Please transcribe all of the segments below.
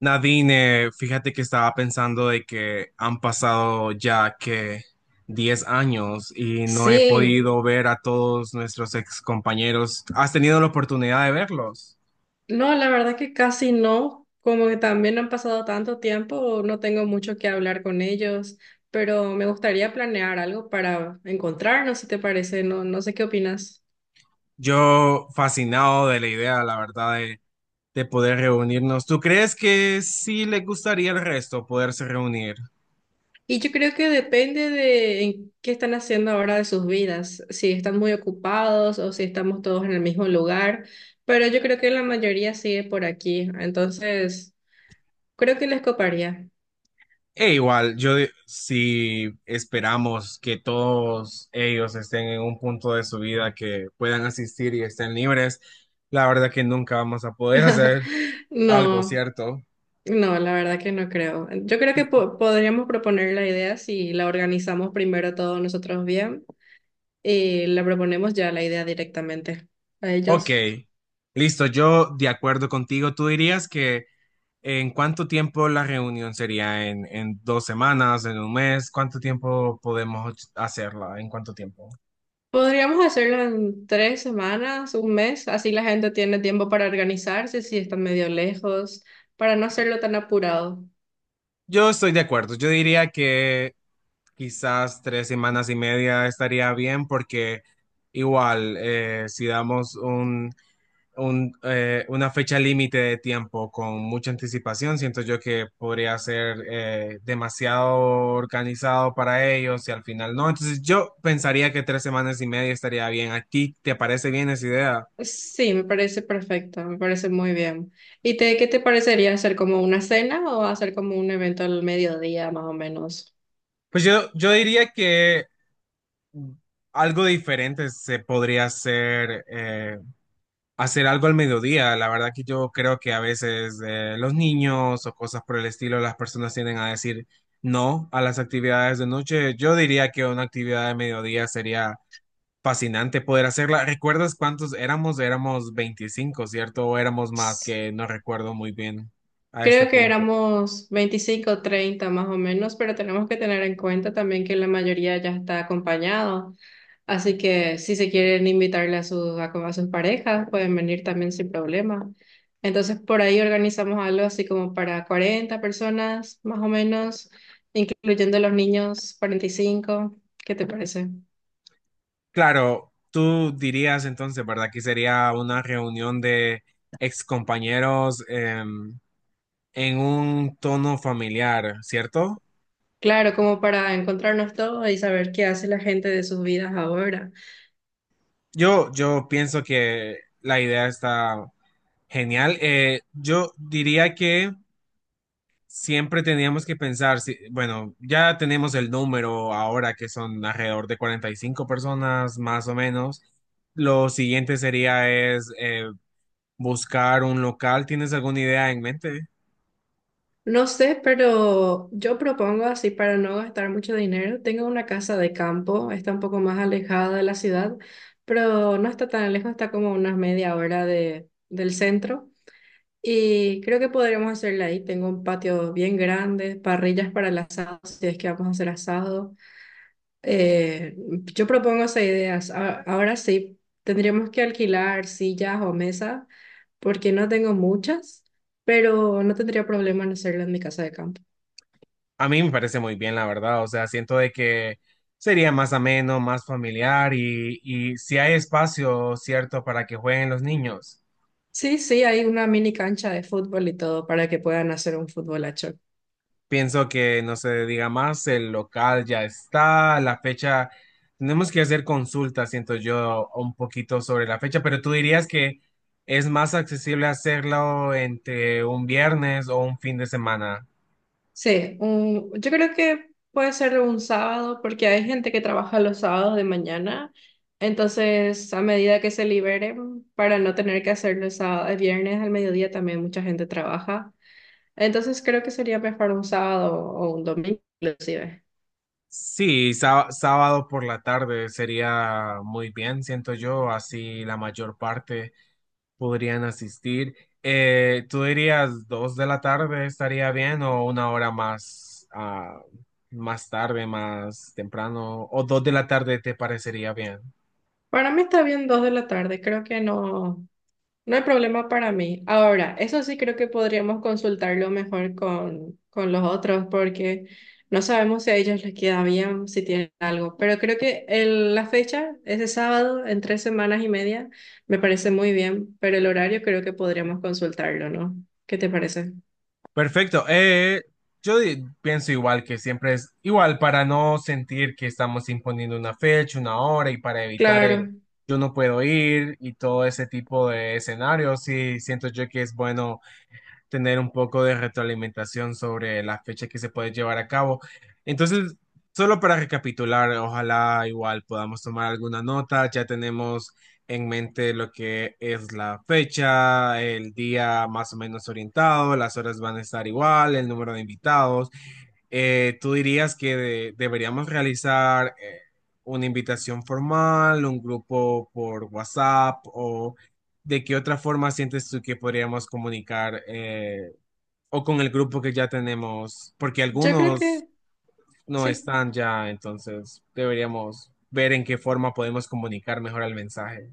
Nadine, fíjate que estaba pensando de que han pasado ya que 10 años y no he Sí, podido ver a todos nuestros ex compañeros. ¿Has tenido la oportunidad de verlos? no, la verdad que casi no, como que también han pasado tanto tiempo, no tengo mucho que hablar con ellos, pero me gustaría planear algo para encontrarnos, si te parece, no, no sé qué opinas. Yo fascinado de la idea, la verdad, de poder reunirnos. ¿Tú crees que sí les gustaría al resto poderse reunir? Y yo creo que depende de en qué están haciendo ahora de sus vidas, si están muy ocupados o si estamos todos en el mismo lugar, pero yo creo que la mayoría sigue por aquí, entonces creo que les coparía. E igual, si esperamos que todos ellos estén en un punto de su vida que puedan asistir y estén libres, la verdad que nunca vamos a poder hacer algo, No. ¿cierto? No, la verdad que no creo. Yo creo que podríamos proponer la idea si la organizamos primero todos nosotros bien y la proponemos ya la idea directamente a Ok, ellos. listo, yo de acuerdo contigo, tú dirías que en cuánto tiempo la reunión sería, en 2 semanas, en un mes, ¿cuánto tiempo podemos hacerla? ¿En cuánto tiempo? Podríamos hacerlo en 3 semanas, un mes, así la gente tiene tiempo para organizarse si están medio lejos, para no hacerlo tan apurado. Yo estoy de acuerdo, yo diría que quizás 3 semanas y media estaría bien porque igual si damos una fecha límite de tiempo con mucha anticipación, siento yo que podría ser demasiado organizado para ellos y al final no. Entonces yo pensaría que 3 semanas y media estaría bien. ¿A ti te parece bien esa idea? Sí, me parece perfecto, me parece muy bien. ¿Y te, qué te parecería hacer como una cena o hacer como un evento al mediodía más o menos? Pues yo diría que algo diferente se podría hacer, hacer algo al mediodía. La verdad que yo creo que a veces los niños o cosas por el estilo, las personas tienden a decir no a las actividades de noche. Yo diría que una actividad de mediodía sería fascinante poder hacerla. ¿Recuerdas cuántos éramos? Éramos 25, ¿cierto? O éramos más, que no recuerdo muy bien a este Creo que punto. éramos 25 o 30 más o menos, pero tenemos que tener en cuenta también que la mayoría ya está acompañado. Así que si se quieren invitarle a sus parejas, pueden venir también sin problema. Entonces, por ahí organizamos algo así como para 40 personas más o menos, incluyendo los niños, 45. ¿Qué te parece? Claro, tú dirías entonces, ¿verdad? Que sería una reunión de excompañeros en un tono familiar, ¿cierto? Claro, como para encontrarnos todos y saber qué hace la gente de sus vidas ahora. Yo pienso que la idea está genial. Yo diría que siempre teníamos que pensar, si, bueno, ya tenemos el número ahora que son alrededor de 45 personas más o menos. Lo siguiente sería es buscar un local. ¿Tienes alguna idea en mente? No sé, pero yo propongo así para no gastar mucho dinero. Tengo una casa de campo, está un poco más alejada de la ciudad, pero no está tan lejos, está como unas media hora del centro. Y creo que podremos hacerla ahí. Tengo un patio bien grande, parrillas para el asado, si es que vamos a hacer asado. Eh, yo propongo esas ideas. Ahora sí, tendríamos que alquilar sillas o mesas, porque no tengo muchas, pero no tendría problema en hacerlo en mi casa de campo. A mí me parece muy bien, la verdad. O sea, siento de que sería más ameno, más familiar y si hay espacio, cierto, para que jueguen los niños. Sí, sí, hay una mini cancha de fútbol y todo para que puedan hacer un futbolacho. Pienso que no se diga más, el local ya está, la fecha, tenemos que hacer consultas, siento yo, un poquito sobre la fecha, pero tú dirías que es más accesible hacerlo entre un viernes o un fin de semana. Sí, yo creo que puede ser un sábado porque hay gente que trabaja los sábados de mañana, entonces a medida que se liberen, para no tener que hacerlo el sábado, el viernes al mediodía también mucha gente trabaja, entonces creo que sería mejor un sábado o un domingo inclusive. Sí, sábado por la tarde sería muy bien, siento yo, así la mayor parte podrían asistir. ¿Tú dirías 2 de la tarde estaría bien o una hora más, más tarde, más temprano? ¿O 2 de la tarde te parecería bien? Para mí está bien 2 de la tarde, creo que no. No hay problema para mí. Ahora, eso sí creo que podríamos consultarlo mejor con los otros porque no sabemos si a ellos les queda bien, si tienen algo. Pero creo que la fecha, ese sábado, en 3 semanas y media, me parece muy bien, pero el horario creo que podríamos consultarlo, ¿no? ¿Qué te parece? Perfecto. Pienso igual que siempre es igual para no sentir que estamos imponiendo una fecha, una hora y para evitar el Claro, yo no puedo ir y todo ese tipo de escenarios. Sí, siento yo que es bueno tener un poco de retroalimentación sobre la fecha que se puede llevar a cabo. Entonces, solo para recapitular, ojalá igual podamos tomar alguna nota, ya tenemos en mente lo que es la fecha, el día más o menos orientado, las horas van a estar igual, el número de invitados. ¿Tú dirías que deberíamos realizar una invitación formal, un grupo por WhatsApp o ¿De qué otra forma sientes tú que podríamos comunicar o con el grupo que ya tenemos? Porque yo creo algunos que no sí. están ya, entonces deberíamos ver en qué forma podemos comunicar mejor el mensaje.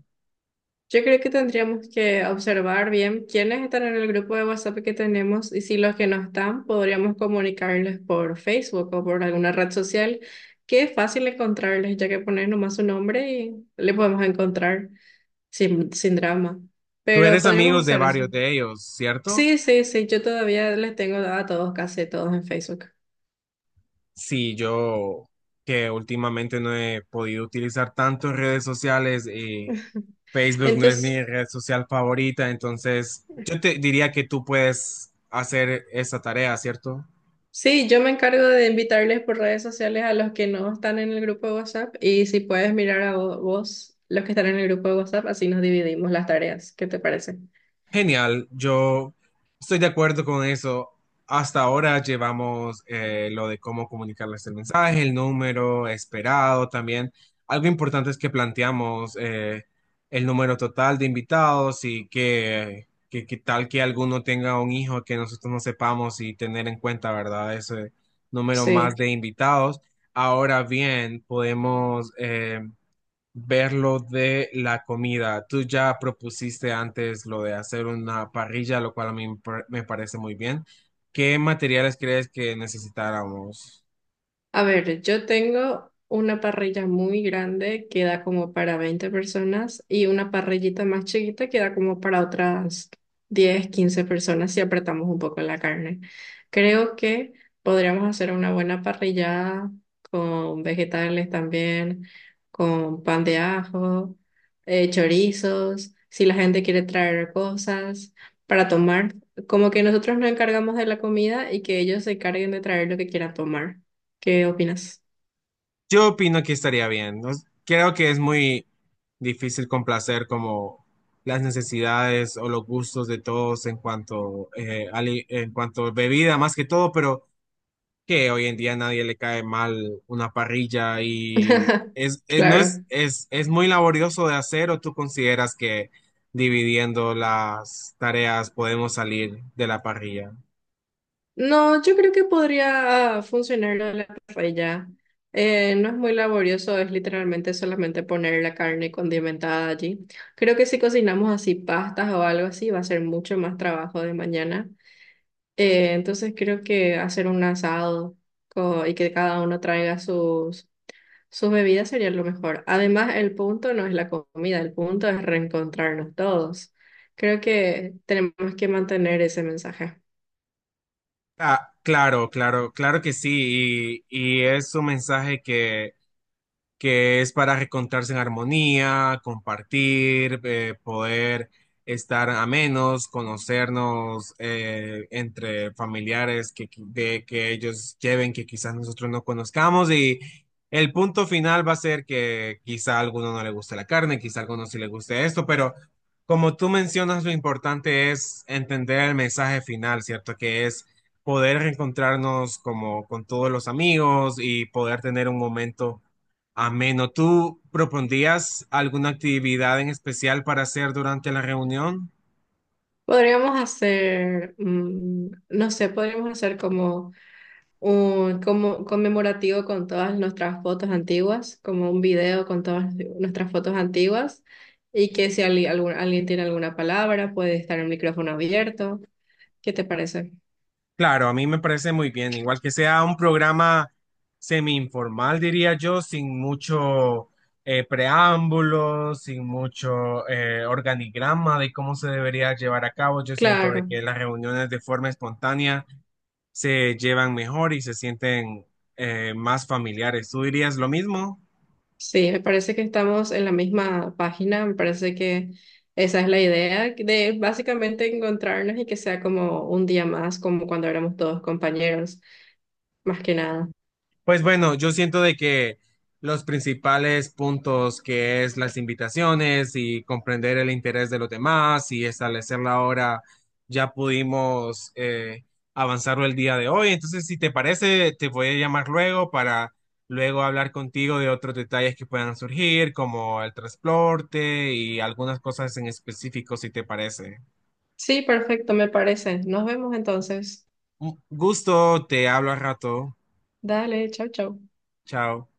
Yo creo que tendríamos que observar bien quiénes están en el grupo de WhatsApp que tenemos y si los que no están, podríamos comunicarles por Facebook o por alguna red social, que es fácil encontrarles, ya que pones nomás su nombre y le podemos encontrar sin, sin drama. Tú Pero eres podríamos amigos de hacer eso. varios de ellos, ¿cierto? Sí, sí, sí, yo todavía les tengo a todos, casi a todos en Facebook. Sí, yo que últimamente no he podido utilizar tanto redes sociales y Facebook no es mi Entonces... red social favorita, entonces yo te diría que tú puedes hacer esa tarea, ¿cierto? Sí, yo me encargo de invitarles por redes sociales a los que no están en el grupo de WhatsApp y si puedes mirar a vos los que están en el grupo de WhatsApp, así nos dividimos las tareas. ¿Qué te parece? Genial, yo estoy de acuerdo con eso. Hasta ahora llevamos lo de cómo comunicarles el mensaje, el número esperado también. Algo importante es que planteamos el número total de invitados y que tal que alguno tenga un hijo que nosotros no sepamos y tener en cuenta, ¿verdad? Ese número más Sí. de invitados. Ahora bien, podemos ver lo de la comida. Tú ya propusiste antes lo de hacer una parrilla, lo cual a mí me parece muy bien. ¿Qué materiales crees que necesitáramos? A ver, yo tengo una parrilla muy grande que da como para 20 personas y una parrillita más chiquita que da como para otras 10 15 personas si apretamos un poco la carne. Creo que podríamos hacer una buena parrillada con vegetales también, con pan de ajo, chorizos, si la gente quiere traer cosas para tomar. Como que nosotros nos encargamos de la comida y que ellos se encarguen de traer lo que quieran tomar. ¿Qué opinas? Yo opino que estaría bien. No s- Creo que es muy difícil complacer como las necesidades o los gustos de todos en cuanto a bebida más que todo, pero que hoy en día a nadie le cae mal una parrilla y no es, Claro. Muy laborioso de hacer, o tú consideras que dividiendo las tareas podemos salir de la parrilla. No, yo creo que podría funcionar la paella. No es muy laborioso, es literalmente solamente poner la carne condimentada allí. Creo que si cocinamos así pastas o algo así, va a ser mucho más trabajo de mañana. Entonces creo que hacer un asado y que cada uno traiga sus sus bebidas serían lo mejor. Además, el punto no es la comida, el punto es reencontrarnos todos. Creo que tenemos que mantener ese mensaje. Ah, claro, claro, claro que sí, y es un mensaje que es para reencontrarse en armonía, compartir, poder estar a menos, conocernos entre familiares que ellos lleven, que quizás nosotros no conozcamos. Y el punto final va a ser que quizá a alguno no le guste la carne, quizá a alguno sí le guste esto, pero como tú mencionas, lo importante es entender el mensaje final, ¿cierto? Que es... poder reencontrarnos como con todos los amigos y poder tener un momento ameno, ¿tú propondrías alguna actividad en especial para hacer durante la reunión? Podríamos hacer, no sé, podríamos hacer como un como conmemorativo con todas nuestras fotos antiguas, como un video con todas nuestras fotos antiguas, y que si alguien tiene alguna palabra, puede estar el micrófono abierto. ¿Qué te parece? Claro, a mí me parece muy bien, igual que sea un programa semi-informal, diría yo, sin mucho preámbulo, sin mucho organigrama de cómo se debería llevar a cabo. Yo siento de Claro. que las reuniones de forma espontánea se llevan mejor y se sienten más familiares. ¿Tú dirías lo mismo? Sí, me parece que estamos en la misma página, me parece que esa es la idea de básicamente encontrarnos y que sea como un día más, como cuando éramos todos compañeros, más que nada. Pues bueno, yo siento de que los principales puntos que es las invitaciones y comprender el interés de los demás y establecer la hora, ya pudimos avanzarlo el día de hoy. Entonces, si te parece, te voy a llamar luego para luego hablar contigo de otros detalles que puedan surgir, como el transporte y algunas cosas en específico, si te parece. Sí, perfecto, me parece. Nos vemos entonces. Un gusto, te hablo al rato. Dale, chao, chao. Chao.